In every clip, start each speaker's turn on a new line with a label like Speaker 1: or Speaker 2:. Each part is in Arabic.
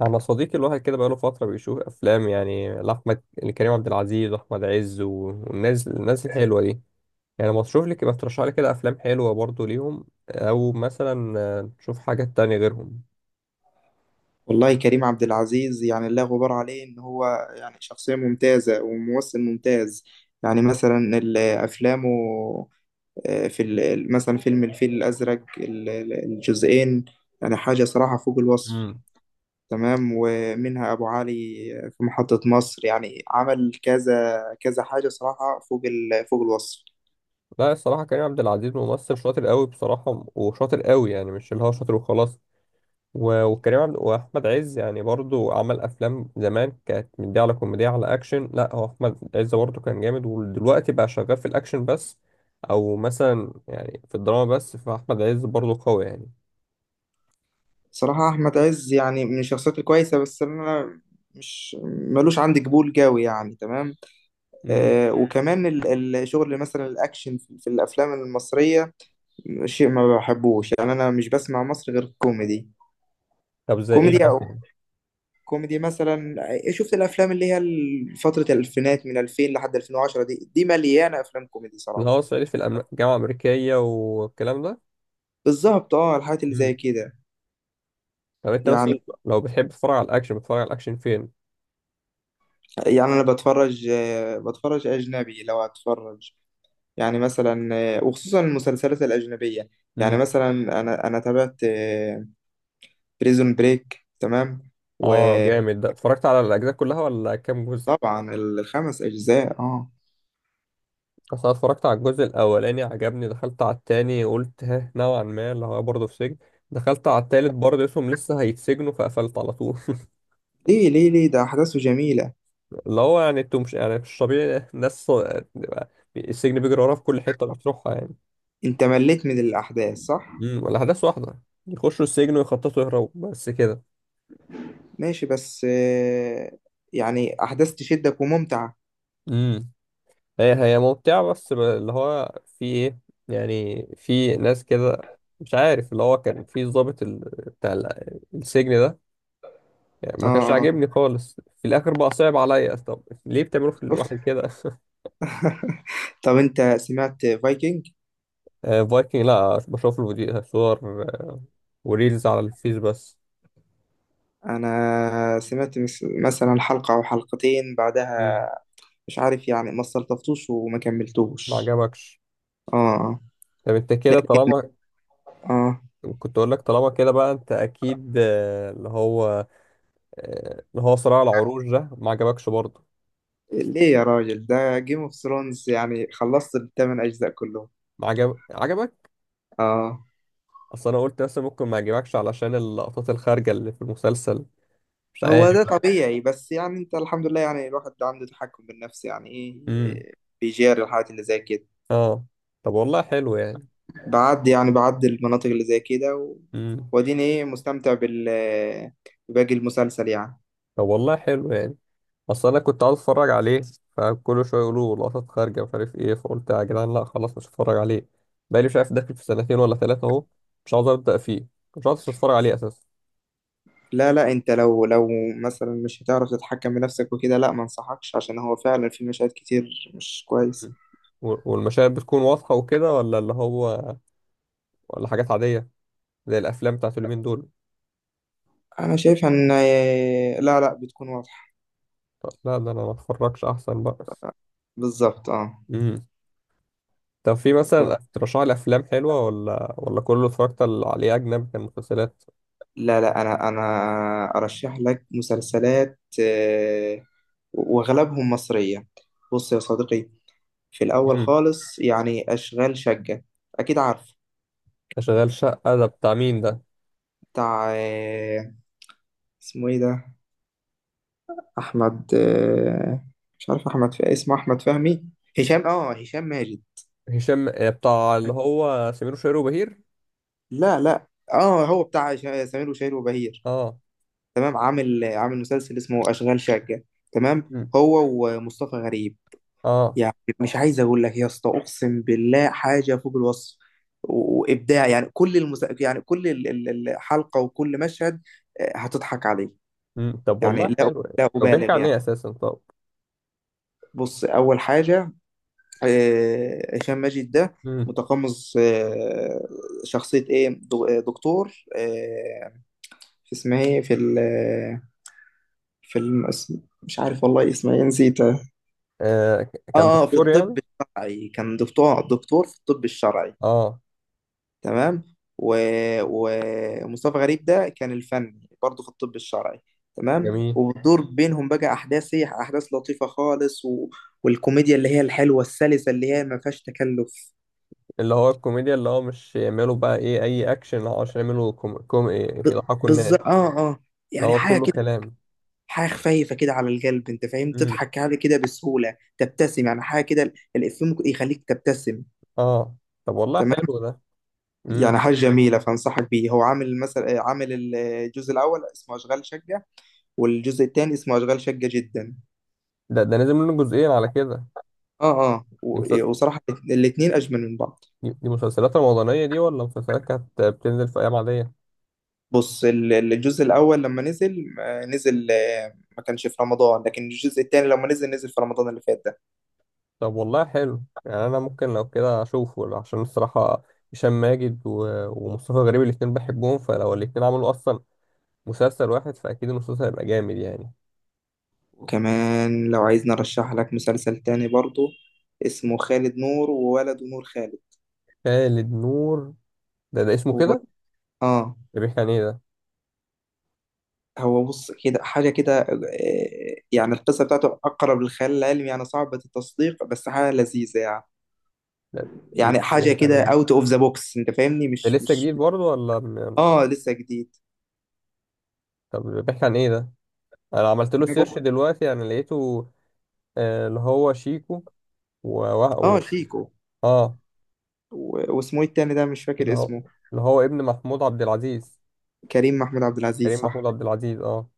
Speaker 1: انا صديقي الواحد كده بقاله فتره بيشوف افلام يعني لاحمد لكريم عبد العزيز واحمد عز والناس الحلوه دي. يعني ما تشوف لي كده ترشح لي كده افلام حلوه برضو ليهم او مثلا تشوف حاجات تانية غيرهم.
Speaker 2: والله كريم عبد العزيز يعني لا غبار عليه ان هو يعني شخصية ممتازة وممثل ممتاز. يعني مثلا افلامه. في مثلا فيلم الفيل الازرق الجزئين، يعني حاجة صراحة فوق الوصف.
Speaker 1: امم.
Speaker 2: تمام، ومنها ابو علي في محطة مصر. يعني عمل كذا كذا حاجة صراحة فوق فوق الوصف.
Speaker 1: لا الصراحه كريم عبد العزيز ممثل شاطر قوي بصراحه وشاطر قوي، يعني مش اللي هو شاطر وخلاص. وكريم عبد واحمد عز يعني برضو عمل افلام زمان كانت من دي، على كوميديا على اكشن. لا هو احمد عز برضو كان جامد ودلوقتي بقى شغال في الاكشن بس، او مثلا يعني في الدراما بس. فاحمد عز برضو قوي يعني.
Speaker 2: صراحة احمد عز يعني من الشخصيات الكويسة، بس انا مش ملوش عندي قبول قوي يعني. تمام.
Speaker 1: امم.
Speaker 2: وكمان الشغل مثلا الأكشن في الأفلام المصرية شيء ما بحبوش. يعني أنا مش بسمع مصري غير كوميدي.
Speaker 1: طب زي ايه
Speaker 2: كوميدي أو
Speaker 1: مثلا؟
Speaker 2: كوميدي مثلا. شفت الأفلام اللي هي فترة الألفينات من 2000 لحد 2010، دي مليانة أفلام كوميدي
Speaker 1: اللي
Speaker 2: صراحة.
Speaker 1: هو صعيدي في الجامعه الامريكيه والكلام ده.
Speaker 2: بالظبط، اه، الحاجات اللي زي
Speaker 1: امم.
Speaker 2: كده
Speaker 1: طب انت
Speaker 2: يعني.
Speaker 1: مثلا لو بتحب تتفرج على الاكشن، بتتفرج على الاكشن فين؟
Speaker 2: يعني أنا بتفرج، بتفرج أجنبي لو هتفرج. يعني مثلا، وخصوصا المسلسلات الأجنبية. يعني
Speaker 1: امم.
Speaker 2: مثلا أنا تابعت بريزون بريك. تمام. و
Speaker 1: اه جامد ده، اتفرجت على الاجزاء كلها ولا كام جزء؟
Speaker 2: طبعا الخمس أجزاء، اه.
Speaker 1: بس انا اتفرجت على الجزء الاولاني عجبني، دخلت على التاني قلت ها نوعا ما اللي هو برضه في سجن، دخلت على التالت برضه اسمهم لسه هيتسجنوا فقفلت على طول.
Speaker 2: ليه؟ ده أحداثه جميلة.
Speaker 1: اللي هو يعني انتوا مش يعني مش طبيعي ناس، بيبقى السجن بيجري وراها في كل حتة بتروحها يعني.
Speaker 2: أنت مليت من الأحداث صح؟
Speaker 1: امم. الاحداث واحدة، يخشوا السجن ويخططوا يهربوا بس كده.
Speaker 2: ماشي بس يعني أحداث تشدك وممتعة.
Speaker 1: امم. هي ممتعة، بس اللي هو في ايه، يعني في ناس كده مش عارف، اللي هو كان في ضابط بتاع السجن ده، يعني
Speaker 2: اه.
Speaker 1: ما كانش
Speaker 2: آه.
Speaker 1: عاجبني خالص في الاخر. بقى صعب عليا، طب ليه بتعملوا في
Speaker 2: شفت.
Speaker 1: الواحد كده؟
Speaker 2: طب أنت سمعت فايكنج؟
Speaker 1: فايكنج لا، بشوف له صور آه، وريلز على الفيس بس.
Speaker 2: أنا سمعت مثلا حلقة أو حلقتين بعدها.
Speaker 1: مم.
Speaker 2: مش عارف يعني، ما استلطفتوش وما
Speaker 1: ما
Speaker 2: كملتوش.
Speaker 1: عجبكش؟
Speaker 2: اه. آه.
Speaker 1: طب انت
Speaker 2: لا.
Speaker 1: كده طالما
Speaker 2: اه.
Speaker 1: كنت اقول لك، طالما كده بقى انت اكيد اللي هو اللي هو صراع العروش ده ما عجبكش برضه؟
Speaker 2: ليه يا راجل، ده جيم اوف ثرونز، يعني خلصت الثمان أجزاء كلهم.
Speaker 1: ما عجبك.
Speaker 2: اه،
Speaker 1: اصل انا قلت مثلا ممكن ما يعجبكش علشان اللقطات الخارجه اللي في المسلسل، مش عارف.
Speaker 2: هو ده طبيعي، بس يعني انت الحمد لله، يعني الواحد عنده تحكم بالنفس. يعني ايه؟
Speaker 1: امم.
Speaker 2: بيجاري الحاجات اللي زي كده.
Speaker 1: اه. طب والله حلو يعني.
Speaker 2: بعدي يعني، بعدي المناطق اللي زي كده،
Speaker 1: امم.
Speaker 2: واديني ايه، مستمتع بال باقي المسلسل يعني.
Speaker 1: طب والله حلو يعني. اصل انا كنت عاوز اتفرج عليه، فكل شويه يقولوا لقطات خارجه مش عارف ايه، فقلت يا جدعان لا خلاص مش هتفرج عليه. بقالي مش عارف داخل في سنتين ولا ثلاثه اهو مش عاوز ابدا فيه، مش عاوز اتفرج عليه اساسا.
Speaker 2: لا لا، انت لو مثلا مش هتعرف تتحكم بنفسك وكده، لا ما انصحكش، عشان هو فعلا في مشاهد كتير مش كويس.
Speaker 1: مم. والمشاهد بتكون واضحه وكده، ولا اللي هو ولا حاجات عاديه زي الافلام بتاعت اليومين دول؟
Speaker 2: انا شايف ان لا لا، بتكون واضحة.
Speaker 1: طب لا، ده انا ما اتفرجش احسن بقى.
Speaker 2: بالظبط، اه.
Speaker 1: امم. طب في مثلا ترشح لي افلام حلوه، ولا كله اتفرجت عليه اجنبي كان مسلسلات؟
Speaker 2: لا لا، انا ارشح لك مسلسلات، واغلبهم مصرية. بص يا صديقي، في الاول
Speaker 1: امم.
Speaker 2: خالص يعني اشغال شقة، اكيد عارف.
Speaker 1: شغال شقه ده بتاع مين ده؟
Speaker 2: بتاع اسمه ايه ده، احمد، مش عارف احمد، في اسمه احمد فهمي. هشام، اه هشام ماجد.
Speaker 1: هشام بتاع اللي هو سمير وشهير وبهير.
Speaker 2: لا لا. اه، هو بتاع سمير وشهير وبهير.
Speaker 1: اه.
Speaker 2: تمام. عامل مسلسل اسمه اشغال شقة، تمام.
Speaker 1: مم.
Speaker 2: هو ومصطفى غريب.
Speaker 1: اه.
Speaker 2: يعني مش عايز اقول لك يا اسطى، اقسم بالله حاجه فوق الوصف وابداع يعني. كل يعني كل الحلقه وكل مشهد هتضحك عليه.
Speaker 1: مم. طب
Speaker 2: يعني
Speaker 1: والله
Speaker 2: لا،
Speaker 1: حلو يعني،
Speaker 2: لا
Speaker 1: طب بيحكي
Speaker 2: ابالغ
Speaker 1: عن
Speaker 2: يعني.
Speaker 1: ايه اساسا طب؟
Speaker 2: بص، اول حاجه هشام ماجد ده
Speaker 1: مم.
Speaker 2: متقمص شخصيه ايه دكتور في اسمها ايه، في ال في مش عارف والله اسمها ايه، نسيتها.
Speaker 1: كان
Speaker 2: اه، في
Speaker 1: دكتور يعني؟
Speaker 2: الطب الشرعي كان دكتور، دكتور في الطب الشرعي.
Speaker 1: اه
Speaker 2: تمام ومصطفى غريب ده كان الفني برضه في الطب الشرعي. تمام.
Speaker 1: جميل.
Speaker 2: وبتدور بينهم بقى احداث، هي احداث لطيفه خالص و... والكوميديا اللي هي الحلوه السلسه اللي هي ما فيهاش تكلف.
Speaker 1: اللي هو الكوميديا، اللي هو مش يعملوا بقى ايه اي اكشن، اللي هو عشان يعملوا كوم ايه
Speaker 2: ب...
Speaker 1: يضحكوا الناس.
Speaker 2: بالظبط، اه، اه.
Speaker 1: اللي
Speaker 2: يعني
Speaker 1: هو
Speaker 2: حاجه
Speaker 1: كله
Speaker 2: كده،
Speaker 1: كلام.
Speaker 2: حاجه خفيفه كده على القلب، انت فاهم،
Speaker 1: مم.
Speaker 2: تضحك عليه كده بسهوله، تبتسم، يعني حاجه كده الافيه ممكن يخليك تبتسم.
Speaker 1: اه. طب والله
Speaker 2: تمام.
Speaker 1: حلو ده. مم.
Speaker 2: يعني حاجه جميله، فانصحك بيه. هو عامل مثلا، عامل الجزء الاول اسمه اشغال شقه، والجزء الثاني اسمه اشغال شقه جدا.
Speaker 1: ده ده نازل منه جزئين على كده؟
Speaker 2: اه، اه
Speaker 1: دي, مسل...
Speaker 2: وصراحة الاتنين أجمل من بعض.
Speaker 1: دي مسلسلات رمضانية دي، ولا مسلسلات كانت بتنزل في ايام عادية؟
Speaker 2: بص الجزء الأول لما نزل، نزل، ما كانش في رمضان، لكن الجزء التاني لما نزل، نزل في رمضان اللي فات ده.
Speaker 1: طب والله حلو يعني، انا ممكن لو كده اشوفه، عشان الصراحه هشام ماجد ومصطفى غريب الاتنين بحبهم، فلو الاتنين عملوا اصلا مسلسل واحد فاكيد المسلسل هيبقى جامد يعني.
Speaker 2: وكمان لو عايزني أرشح لك مسلسل تاني برضو، اسمه خالد نور وولده نور خالد.
Speaker 1: خالد نور، ده ده اسمه
Speaker 2: هو.
Speaker 1: كده؟
Speaker 2: اه.
Speaker 1: ده بيحكي عن ايه ده؟
Speaker 2: هو بص كده، حاجة كده يعني القصة بتاعته أقرب للخيال العلمي، يعني صعبة التصديق، بس حاجة لذيذة يعني. يعني حاجة
Speaker 1: بيحكي عن
Speaker 2: كده
Speaker 1: ايه؟
Speaker 2: أوت أوف ذا بوكس، أنت فاهمني
Speaker 1: ده
Speaker 2: مش
Speaker 1: لسه
Speaker 2: مش
Speaker 1: جديد برضه ولا
Speaker 2: اه لسه جديد.
Speaker 1: طب بيحكي عن ايه ده؟ انا عملت له سيرش دلوقتي يعني لقيته اللي هو شيكو و... و...
Speaker 2: اه
Speaker 1: و-
Speaker 2: شيكو
Speaker 1: اه.
Speaker 2: و... واسمه ايه التاني ده، مش
Speaker 1: اللي
Speaker 2: فاكر
Speaker 1: هو
Speaker 2: اسمه.
Speaker 1: ابن محمود عبد العزيز،
Speaker 2: كريم محمود عبد العزيز
Speaker 1: كريم محمود
Speaker 2: صح.
Speaker 1: عبد العزيز اه.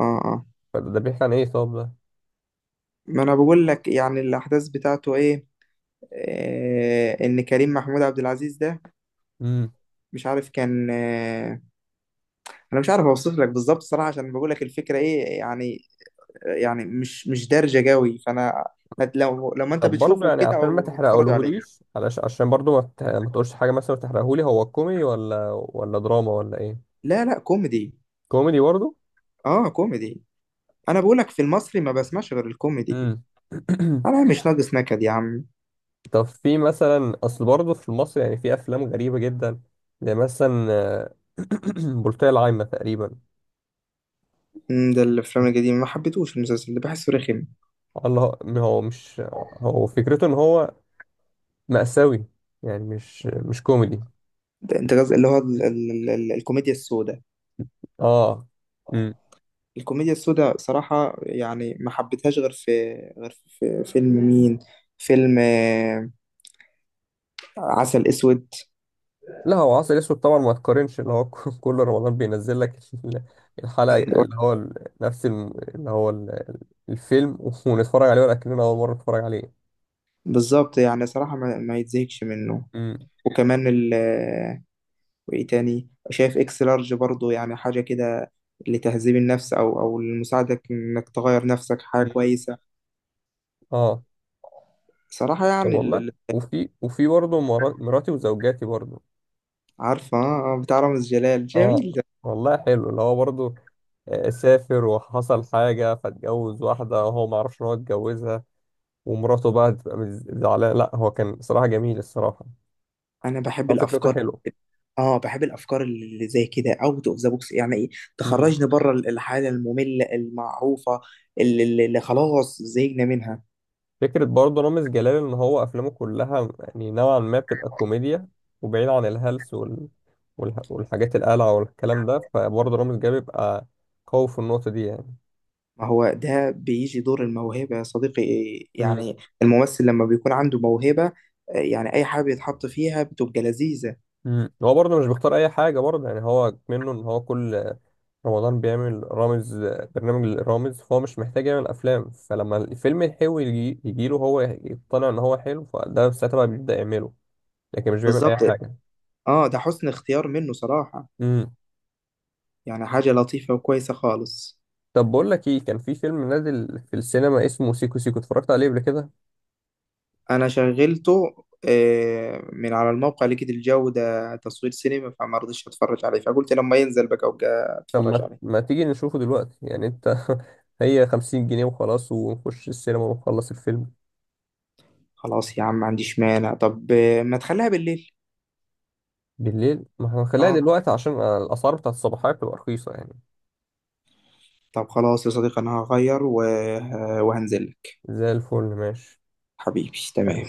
Speaker 2: اه، اه.
Speaker 1: فده ده بيحكي عن ايه طب؟
Speaker 2: ما انا بقول لك يعني الاحداث بتاعته ايه. آه، ان كريم محمود عبد العزيز ده
Speaker 1: ده
Speaker 2: مش عارف كان آه، انا مش عارف اوصف لك بالظبط صراحة، عشان بقول لك الفكرة ايه يعني. يعني مش دارجة قوي فانا. هت، لو لما انت
Speaker 1: طب برضه
Speaker 2: بتشوفه
Speaker 1: يعني
Speaker 2: كده،
Speaker 1: عشان
Speaker 2: او
Speaker 1: ما
Speaker 2: لما بتتفرج عليه.
Speaker 1: تحرقهوليش، علشان عشان برضه ما تقولش حاجه مثلا وتحرقهولي. هو كوميدي ولا دراما ولا ايه؟
Speaker 2: لا لا، كوميدي.
Speaker 1: كوميدي برضه؟
Speaker 2: اه كوميدي. انا بقول لك في المصري ما بسمعش غير الكوميدي.
Speaker 1: امم.
Speaker 2: انا مش ناقص نكد يا عم.
Speaker 1: طب في مثلا، اصل برضه في مصر يعني في افلام غريبه جدا، زي مثلا بلطية العايمه تقريبا.
Speaker 2: مم، ده الافلام القديمه ما حبيتهوش، المسلسل ده بحسه رخم.
Speaker 1: الله، هو مش، هو فكرته ان هو مأساوي، يعني مش مش كوميدي.
Speaker 2: ده انت قصدي اللي هو ال ال ال ال الكوميديا السوداء.
Speaker 1: اه
Speaker 2: الكوميديا السوداء صراحه يعني ما حبيتهاش غير في، غير في فيلم مين، فيلم عسل اسود.
Speaker 1: لا هو عسل اسود طبعا ما تقارنش. اللي هو كل رمضان بينزل لك ال- الحلقة، اللي هو نفس اللي هو الفيلم، ونتفرج عليه ولا كأننا أول مرة نتفرج عليه.
Speaker 2: بالظبط، يعني صراحه ما يتزهقش منه.
Speaker 1: امم.
Speaker 2: وكمان ال وايه تاني، شايف اكس لارج برضه يعني حاجه كده لتهذيب النفس، او او لمساعدك انك تغير نفسك. حاجه
Speaker 1: امم.
Speaker 2: كويسه
Speaker 1: اه.
Speaker 2: صراحه
Speaker 1: طب
Speaker 2: يعني
Speaker 1: والله، وفي برضه مراتي وزوجاتي برضه.
Speaker 2: عارفه، بتاع رامز جلال
Speaker 1: اه
Speaker 2: جميل.
Speaker 1: والله حلو اللي هو برضه، سافر وحصل حاجة فاتجوز واحدة وهو ما عرفش إن هو اتجوزها، ومراته بقى تبقى زعلانة. لا هو كان صراحة جميل الصراحة.
Speaker 2: انا بحب
Speaker 1: فكرته
Speaker 2: الافكار.
Speaker 1: حلوة.
Speaker 2: اه، بحب الافكار اللي زي كده، اوت اوف ذا بوكس، يعني ايه، تخرجني بره الحاله الممله المعروفه اللي خلاص زهقنا منها.
Speaker 1: فكرة برضه رامز جلال إن هو أفلامه كلها يعني نوعا ما بتبقى كوميديا، وبعيد عن والحاجات القلعة والكلام ده، فبرضه رامز جلال بيبقى قوي في النقطة دي يعني.
Speaker 2: ما هو ده بيجي دور الموهبه يا صديقي
Speaker 1: مم.
Speaker 2: يعني. الممثل لما بيكون عنده موهبه يعني اي حاجه بيتحط فيها بتبقى لذيذه.
Speaker 1: مم. هو برضه مش بيختار أي حاجة برضه، يعني هو منه إن هو كل رمضان بيعمل رامز برنامج للرامز، فهو مش محتاج يعمل أفلام، فلما الفيلم الحلو يجيله هو يقتنع إن هو حلو، فده ساعتها بقى بيبدأ يعمله، لكن مش بيعمل أي
Speaker 2: بالظبط،
Speaker 1: حاجة.
Speaker 2: اه. ده حسن اختيار منه صراحه.
Speaker 1: مم.
Speaker 2: يعني حاجه لطيفه وكويسه خالص.
Speaker 1: طب بقول لك ايه، كان في فيلم نازل في السينما اسمه سيكو سيكو، اتفرجت عليه قبل كده؟
Speaker 2: انا شغلته من على الموقع، لقيت الجو ده تصوير سينما، فما رضيتش اتفرج عليه، فقلت لما ينزل بقى ابقى
Speaker 1: طب
Speaker 2: اتفرج
Speaker 1: ما
Speaker 2: عليه.
Speaker 1: ما تيجي نشوفه دلوقتي يعني انت؟ هي 50 جنيه وخلاص، ونخش السينما ونخلص الفيلم.
Speaker 2: خلاص يا عم، ما عنديش مانع، طب ما تخليها بالليل.
Speaker 1: بالليل ما هنخليها
Speaker 2: اه.
Speaker 1: دلوقتي، عشان الاسعار بتاعت الصباحية بتبقى رخيصة يعني.
Speaker 2: طب خلاص يا صديقي، انا هغير و وهنزل لك.
Speaker 1: زي الفل، ماشي.
Speaker 2: حبيبي تمام.